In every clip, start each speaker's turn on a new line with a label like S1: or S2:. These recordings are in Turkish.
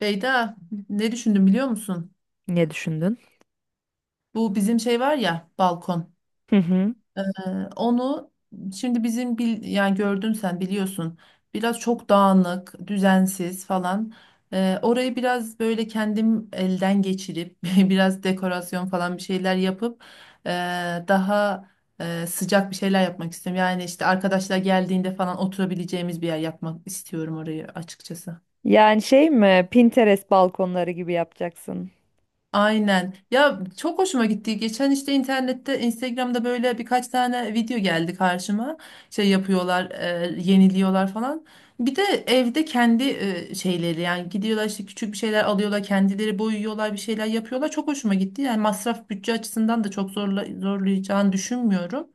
S1: Beyda, ne düşündüm biliyor musun?
S2: Ne düşündün?
S1: Bu bizim şey var ya balkon.
S2: Hı hı.
S1: Ee, onu şimdi bizim yani gördün sen biliyorsun. Biraz çok dağınık, düzensiz falan. Orayı biraz böyle kendim elden geçirip biraz dekorasyon falan bir şeyler yapıp ee, daha sıcak bir şeyler yapmak istiyorum. Yani işte arkadaşlar geldiğinde falan oturabileceğimiz bir yer yapmak istiyorum orayı açıkçası.
S2: Yani şey mi, Pinterest balkonları gibi yapacaksın?
S1: Aynen. Ya çok hoşuma gitti. Geçen işte internette, Instagram'da böyle birkaç tane video geldi karşıma. Şey yapıyorlar, yeniliyorlar falan. Bir de evde kendi şeyleri yani gidiyorlar işte küçük bir şeyler alıyorlar, kendileri boyuyorlar, bir şeyler yapıyorlar. Çok hoşuma gitti. Yani masraf bütçe açısından da çok zorlayacağını düşünmüyorum.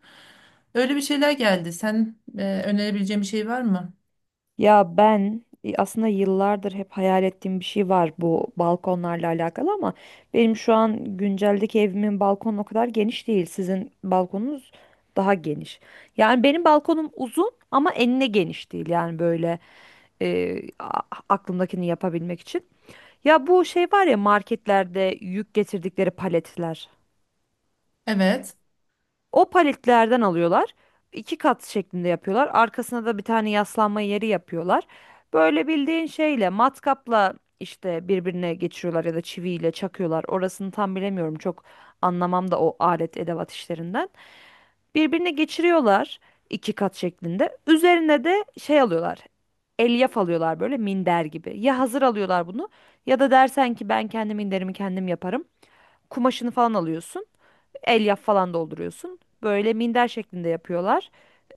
S1: Öyle bir şeyler geldi. Sen önerebileceğin bir şey var mı?
S2: Ya ben, aslında yıllardır hep hayal ettiğim bir şey var bu balkonlarla alakalı ama benim şu an günceldeki evimin balkonu o kadar geniş değil. Sizin balkonunuz daha geniş. Yani benim balkonum uzun ama enine geniş değil. Yani böyle e, a- aklımdakini yapabilmek için. Ya bu şey var ya, marketlerde yük getirdikleri paletler.
S1: Evet.
S2: O paletlerden alıyorlar. İki kat şeklinde yapıyorlar. Arkasına da bir tane yaslanma yeri yapıyorlar. Böyle bildiğin şeyle, matkapla işte birbirine geçiriyorlar ya da çiviyle çakıyorlar. Orasını tam bilemiyorum. Çok anlamam da o alet edevat işlerinden. Birbirine geçiriyorlar iki kat şeklinde. Üzerine de şey alıyorlar. Elyaf alıyorlar, böyle minder gibi. Ya hazır alıyorlar bunu ya da dersen ki ben kendi minderimi kendim yaparım. Kumaşını falan alıyorsun. Elyaf falan dolduruyorsun. Böyle minder şeklinde yapıyorlar.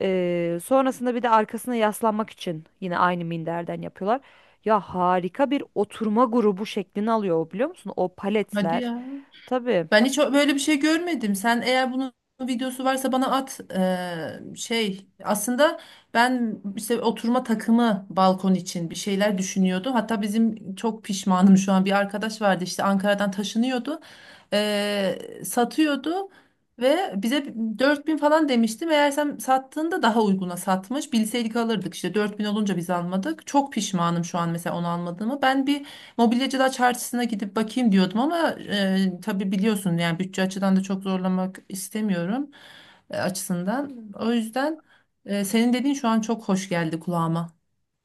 S2: Sonrasında bir de arkasına yaslanmak için yine aynı minderden yapıyorlar. Ya harika bir oturma grubu şeklini alıyor o, biliyor musun? O
S1: Hadi
S2: paletler.
S1: ya.
S2: Tabii.
S1: Ben hiç böyle bir şey görmedim. Sen eğer bunun videosu varsa bana at. Şey aslında ben işte oturma takımı balkon için bir şeyler düşünüyordu. Hatta bizim çok pişmanım şu an bir arkadaş vardı işte Ankara'dan taşınıyordu. Ee, satıyordu ve bize 4.000 falan demişti. Meğersem sattığında daha uyguna satmış. Bilseydik alırdık işte 4.000 olunca biz almadık. Çok pişmanım şu an mesela onu almadığımı. Ben bir Mobilyacılar çarşısına gidip bakayım diyordum ama tabii biliyorsun yani bütçe açıdan da çok zorlamak istemiyorum açısından. O yüzden senin dediğin şu an çok hoş geldi kulağıma.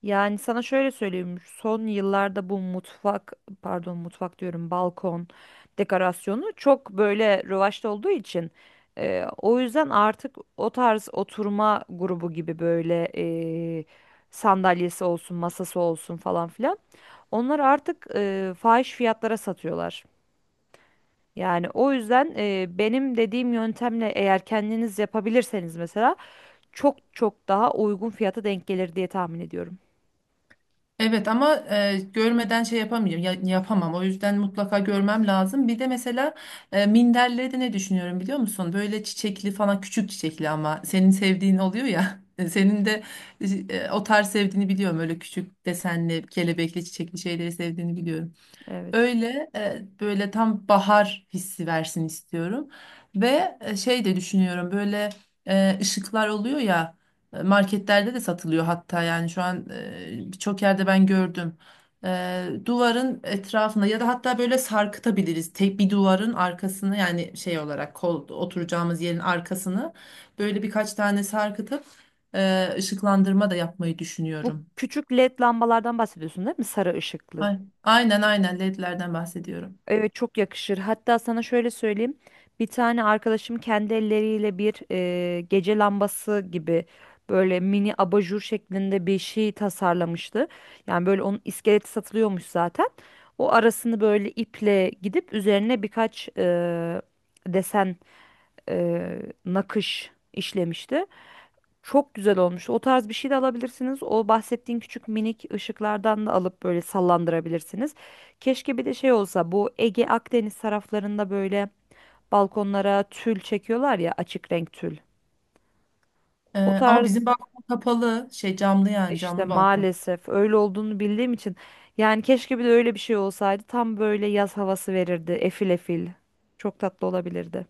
S2: Yani sana şöyle söyleyeyim, son yıllarda bu mutfak, pardon mutfak diyorum, balkon dekorasyonu çok böyle rövaşta olduğu için, o yüzden artık o tarz oturma grubu gibi böyle, e, sandalyesi olsun, masası olsun falan filan. Onları artık fahiş fiyatlara satıyorlar. Yani o yüzden, benim dediğim yöntemle eğer kendiniz yapabilirseniz mesela çok çok daha uygun fiyata denk gelir diye tahmin ediyorum.
S1: Evet ama görmeden şey yapamayacağım yapamam, o yüzden mutlaka görmem lazım. Bir de mesela minderleri de ne düşünüyorum biliyor musun? Böyle çiçekli falan küçük çiçekli, ama senin sevdiğin oluyor ya. Senin de o tarz sevdiğini biliyorum, öyle küçük desenli kelebekli çiçekli şeyleri sevdiğini biliyorum.
S2: Evet.
S1: Öyle böyle tam bahar hissi versin istiyorum. Ve şey de düşünüyorum, böyle ışıklar oluyor ya, marketlerde de satılıyor hatta, yani şu an birçok yerde ben gördüm. Duvarın etrafında ya da hatta böyle sarkıtabiliriz. Tek bir duvarın arkasını, yani şey olarak kol oturacağımız yerin arkasını böyle birkaç tane sarkıtıp ışıklandırma da yapmayı
S2: Bu
S1: düşünüyorum.
S2: küçük LED lambalardan bahsediyorsun değil mi? Sarı ışıklı.
S1: Aynen, aynen LED'lerden bahsediyorum.
S2: Evet, çok yakışır. Hatta sana şöyle söyleyeyim. Bir tane arkadaşım kendi elleriyle bir, gece lambası gibi böyle mini abajur şeklinde bir şey tasarlamıştı. Yani böyle onun iskeleti satılıyormuş zaten. O arasını böyle iple gidip üzerine birkaç desen, e, nakış işlemişti. Çok güzel olmuş. O tarz bir şey de alabilirsiniz. O bahsettiğin küçük minik ışıklardan da alıp böyle sallandırabilirsiniz. Keşke bir de şey olsa, bu Ege Akdeniz taraflarında böyle balkonlara tül çekiyorlar ya, açık renk tül. O
S1: Ee, ama bizim
S2: tarz
S1: balkon kapalı, şey camlı, yani
S2: işte
S1: camlı balkon.
S2: maalesef öyle olduğunu bildiğim için, yani keşke bir de öyle bir şey olsaydı, tam böyle yaz havası verirdi. Efil efil. Çok tatlı olabilirdi.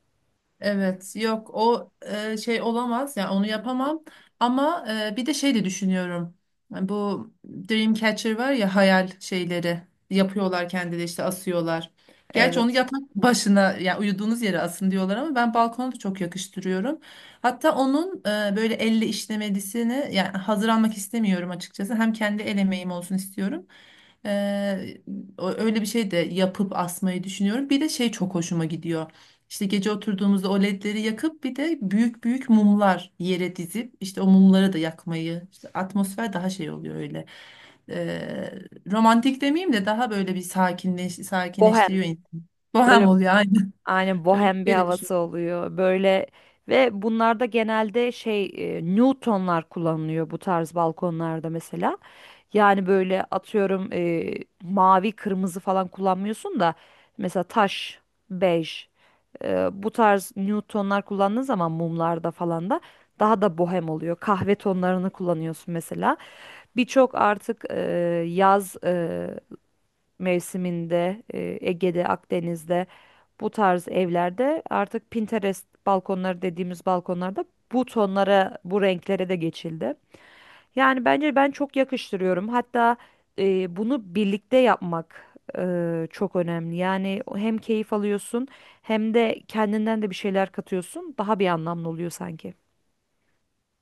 S1: Evet, yok o şey olamaz, yani onu yapamam, ama bir de şey de düşünüyorum. Yani bu Dreamcatcher var ya, hayal şeyleri yapıyorlar kendileri, işte asıyorlar. Gerçi onu
S2: Evet.
S1: yatak başına, yani uyuduğunuz yere asın diyorlar, ama ben balkona da çok yakıştırıyorum. Hatta onun böyle elle işlemelisini, yani hazır almak istemiyorum açıkçası, hem kendi el emeğim olsun istiyorum. E, öyle bir şey de yapıp asmayı düşünüyorum. Bir de şey çok hoşuma gidiyor. İşte gece oturduğumuzda o ledleri yakıp bir de büyük büyük mumlar yere dizip işte o mumları da yakmayı, işte atmosfer daha şey oluyor öyle. Ee, romantik demeyeyim de daha böyle bir
S2: Bohem.
S1: sakinleştiriyor insanı. Bohem
S2: Böyle
S1: oluyor aynı.
S2: aynen,
S1: Öyle bir
S2: bohem bir
S1: şey de
S2: havası
S1: düşünüyorum.
S2: oluyor böyle. Ve bunlarda genelde şey, Newtonlar kullanılıyor bu tarz balkonlarda mesela. Yani böyle atıyorum, mavi kırmızı falan kullanmıyorsun da mesela taş, bej, bu tarz Newtonlar kullandığın zaman mumlarda falan da daha da bohem oluyor. Kahve tonlarını kullanıyorsun mesela. Birçok artık, yaz mevsiminde, Ege'de, Akdeniz'de, bu tarz evlerde artık Pinterest balkonları dediğimiz balkonlarda bu tonlara, bu renklere de geçildi. Yani bence ben çok yakıştırıyorum. Hatta bunu birlikte yapmak çok önemli. Yani hem keyif alıyorsun hem de kendinden de bir şeyler katıyorsun. Daha bir anlamlı oluyor sanki.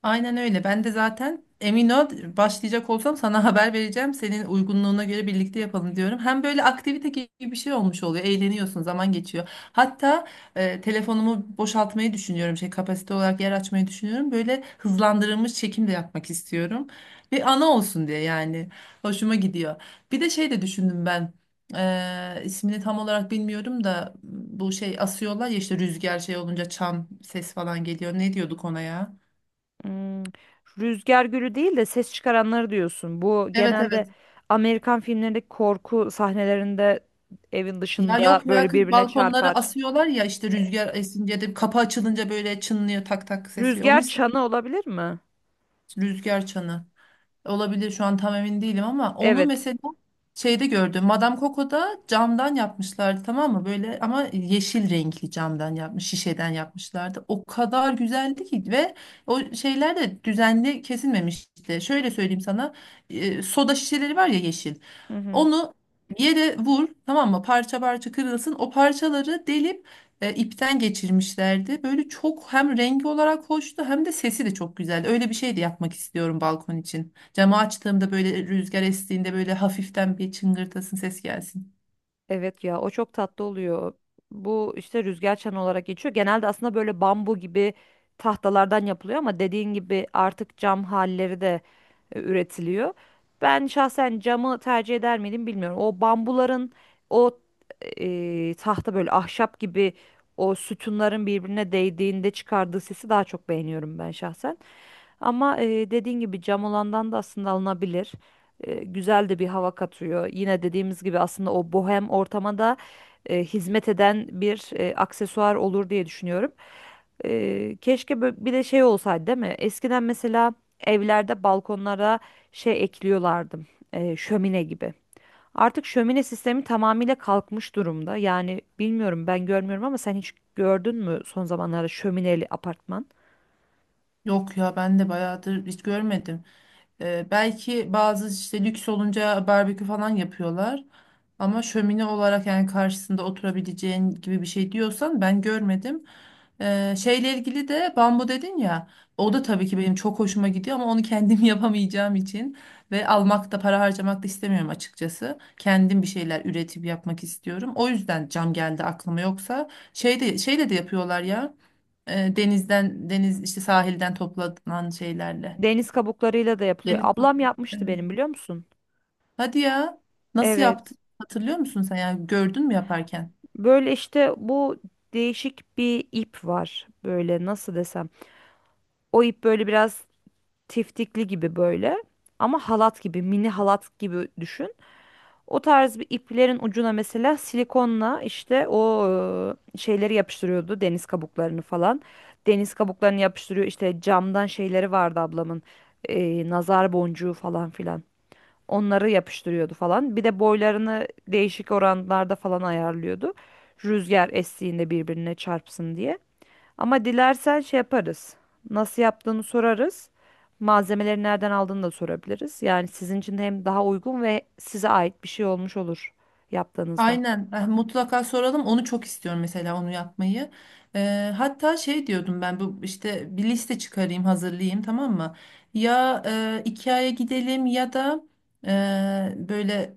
S1: Aynen öyle. Ben de zaten emin ol, başlayacak olsam sana haber vereceğim. Senin uygunluğuna göre birlikte yapalım diyorum. Hem böyle aktivite gibi bir şey olmuş oluyor. Eğleniyorsun, zaman geçiyor. Hatta telefonumu boşaltmayı düşünüyorum. Şey, kapasite olarak yer açmayı düşünüyorum. Böyle hızlandırılmış çekim de yapmak istiyorum. Bir ana olsun diye yani. Hoşuma gidiyor. Bir de şey de düşündüm ben. E, ismini tam olarak bilmiyorum da bu şey asıyorlar ya işte, rüzgar şey olunca çan ses falan geliyor. Ne diyorduk ona ya?
S2: Hmm, rüzgar gülü değil de ses çıkaranları diyorsun. Bu
S1: Evet,
S2: genelde
S1: evet.
S2: Amerikan filmlerindeki korku sahnelerinde evin
S1: Ya
S2: dışında
S1: yok ya,
S2: böyle
S1: kız
S2: birbirine
S1: balkonlara
S2: çarpar.
S1: asıyorlar ya, işte rüzgar esince de kapı açılınca böyle çınlıyor, tak tak ses veriyor. Onun
S2: Rüzgar
S1: ismi
S2: çanı olabilir mi?
S1: rüzgar çanı. Olabilir, şu an tam emin değilim, ama onu
S2: Evet.
S1: mesela şeyde gördüm. Madame Coco'da camdan yapmışlardı, tamam mı? Böyle, ama yeşil renkli camdan yapmış, şişeden yapmışlardı. O kadar güzeldi ki, ve o şeyler de düzenli kesilmemişti. Şöyle söyleyeyim sana. Soda şişeleri var ya yeşil.
S2: Hı hı.
S1: Onu yere vur, tamam mı? Parça parça kırılsın. O parçaları delip ipten geçirmişlerdi. Böyle çok hem rengi olarak hoştu hem de sesi de çok güzeldi. Öyle bir şey de yapmak istiyorum balkon için. Camı açtığımda böyle, rüzgar estiğinde böyle hafiften bir çıngırtasın ses gelsin.
S2: Evet ya, o çok tatlı oluyor. Bu işte rüzgar çanı olarak geçiyor. Genelde aslında böyle bambu gibi tahtalardan yapılıyor ama dediğin gibi artık cam halleri de üretiliyor. Ben şahsen camı tercih eder miydim bilmiyorum. O bambuların o tahta böyle ahşap gibi o sütunların birbirine değdiğinde çıkardığı sesi daha çok beğeniyorum ben şahsen. Ama dediğin gibi cam olandan da aslında alınabilir. Güzel de bir hava katıyor. Yine dediğimiz gibi aslında o bohem ortama da hizmet eden bir aksesuar olur diye düşünüyorum. Keşke bir de şey olsaydı değil mi? Eskiden mesela evlerde balkonlara şey ekliyorlardı. Şömine gibi. Artık şömine sistemi tamamıyla kalkmış durumda. Yani bilmiyorum, ben görmüyorum ama sen hiç gördün mü son zamanlarda şömineli apartman?
S1: Yok ya, ben de bayağıdır hiç görmedim. Belki bazı işte lüks olunca barbekü falan yapıyorlar. Ama şömine olarak, yani karşısında oturabileceğin gibi bir şey diyorsan, ben görmedim. Şeyle ilgili de bambu dedin ya. O da tabii ki benim çok hoşuma gidiyor, ama onu kendim yapamayacağım için ve almak da, para harcamak da istemiyorum açıkçası. Kendim bir şeyler üretip yapmak istiyorum. O yüzden cam geldi aklıma, yoksa şeyde şeyle de yapıyorlar ya. Deniz işte, sahilden toplanan şeylerle.
S2: Deniz kabuklarıyla da yapılıyor.
S1: Seni kabul-
S2: Ablam yapmıştı
S1: Evet.
S2: benim, biliyor musun?
S1: Hadi ya. Nasıl
S2: Evet.
S1: yaptın? Hatırlıyor musun sen? Yani gördün mü yaparken?
S2: Böyle işte bu değişik bir ip var. Böyle nasıl desem. O ip böyle biraz tiftikli gibi böyle. Ama halat gibi, mini halat gibi düşün. O tarz bir iplerin ucuna mesela silikonla işte o şeyleri yapıştırıyordu. Deniz kabuklarını falan. Deniz kabuklarını yapıştırıyor. İşte camdan şeyleri vardı ablamın. Nazar boncuğu falan filan. Onları yapıştırıyordu falan. Bir de boylarını değişik oranlarda falan ayarlıyordu. Rüzgar estiğinde birbirine çarpsın diye. Ama dilersen şey yaparız. Nasıl yaptığını sorarız. Malzemeleri nereden aldığını da sorabiliriz. Yani sizin için hem daha uygun ve size ait bir şey olmuş olur yaptığınızda.
S1: Aynen. Mutlaka soralım. Onu çok istiyorum, mesela onu yapmayı. Hatta şey diyordum ben, bu işte bir liste çıkarayım, hazırlayayım, tamam mı? Ya IKEA'ya gidelim ya da böyle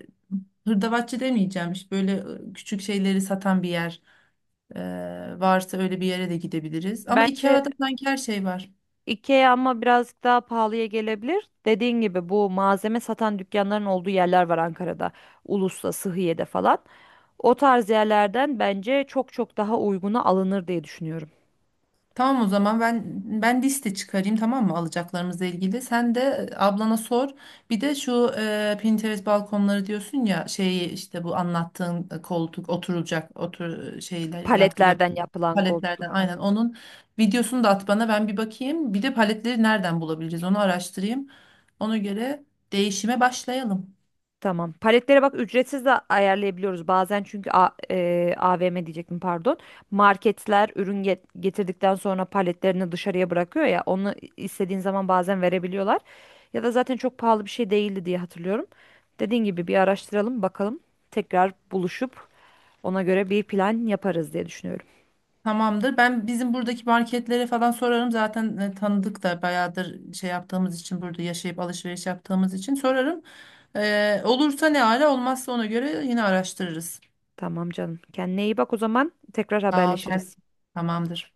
S1: hırdavatçı demeyeceğim. İşte böyle küçük şeyleri satan bir yer varsa öyle bir yere de gidebiliriz. Ama
S2: Bence
S1: IKEA'da sanki her şey var.
S2: IKEA ama birazcık daha pahalıya gelebilir. Dediğin gibi bu malzeme satan dükkanların olduğu yerler var Ankara'da. Ulus'ta, Sıhhiye'de falan. O tarz yerlerden bence çok çok daha uyguna alınır diye düşünüyorum.
S1: Tamam, o zaman ben liste çıkarayım, tamam mı, alacaklarımızla ilgili. Sen de ablana sor. Bir de şu Pinterest balkonları diyorsun ya, şeyi işte, bu anlattığın koltuk oturulacak şeyler yap yap
S2: Paletlerden yapılan
S1: paletlerden,
S2: koltuklardan.
S1: aynen, onun videosunu da at bana, ben bir bakayım. Bir de paletleri nereden bulabiliriz, onu araştırayım. Ona göre değişime başlayalım.
S2: Tamam. Paletlere bak, ücretsiz de ayarlayabiliyoruz bazen çünkü AVM diyecektim, pardon. Marketler ürün getirdikten sonra paletlerini dışarıya bırakıyor ya, onu istediğin zaman bazen verebiliyorlar. Ya da zaten çok pahalı bir şey değildi diye hatırlıyorum. Dediğin gibi bir araştıralım bakalım. Tekrar buluşup ona göre bir plan yaparız diye düşünüyorum.
S1: Tamamdır. Ben bizim buradaki marketlere falan sorarım. Zaten tanıdık da bayağıdır, şey yaptığımız için, burada yaşayıp alışveriş yaptığımız için sorarım. Olursa ne ara, olmazsa ona göre yine araştırırız.
S2: Tamam canım. Kendine iyi bak o zaman. Tekrar
S1: Sağ ol sen.
S2: haberleşiriz.
S1: Tamamdır.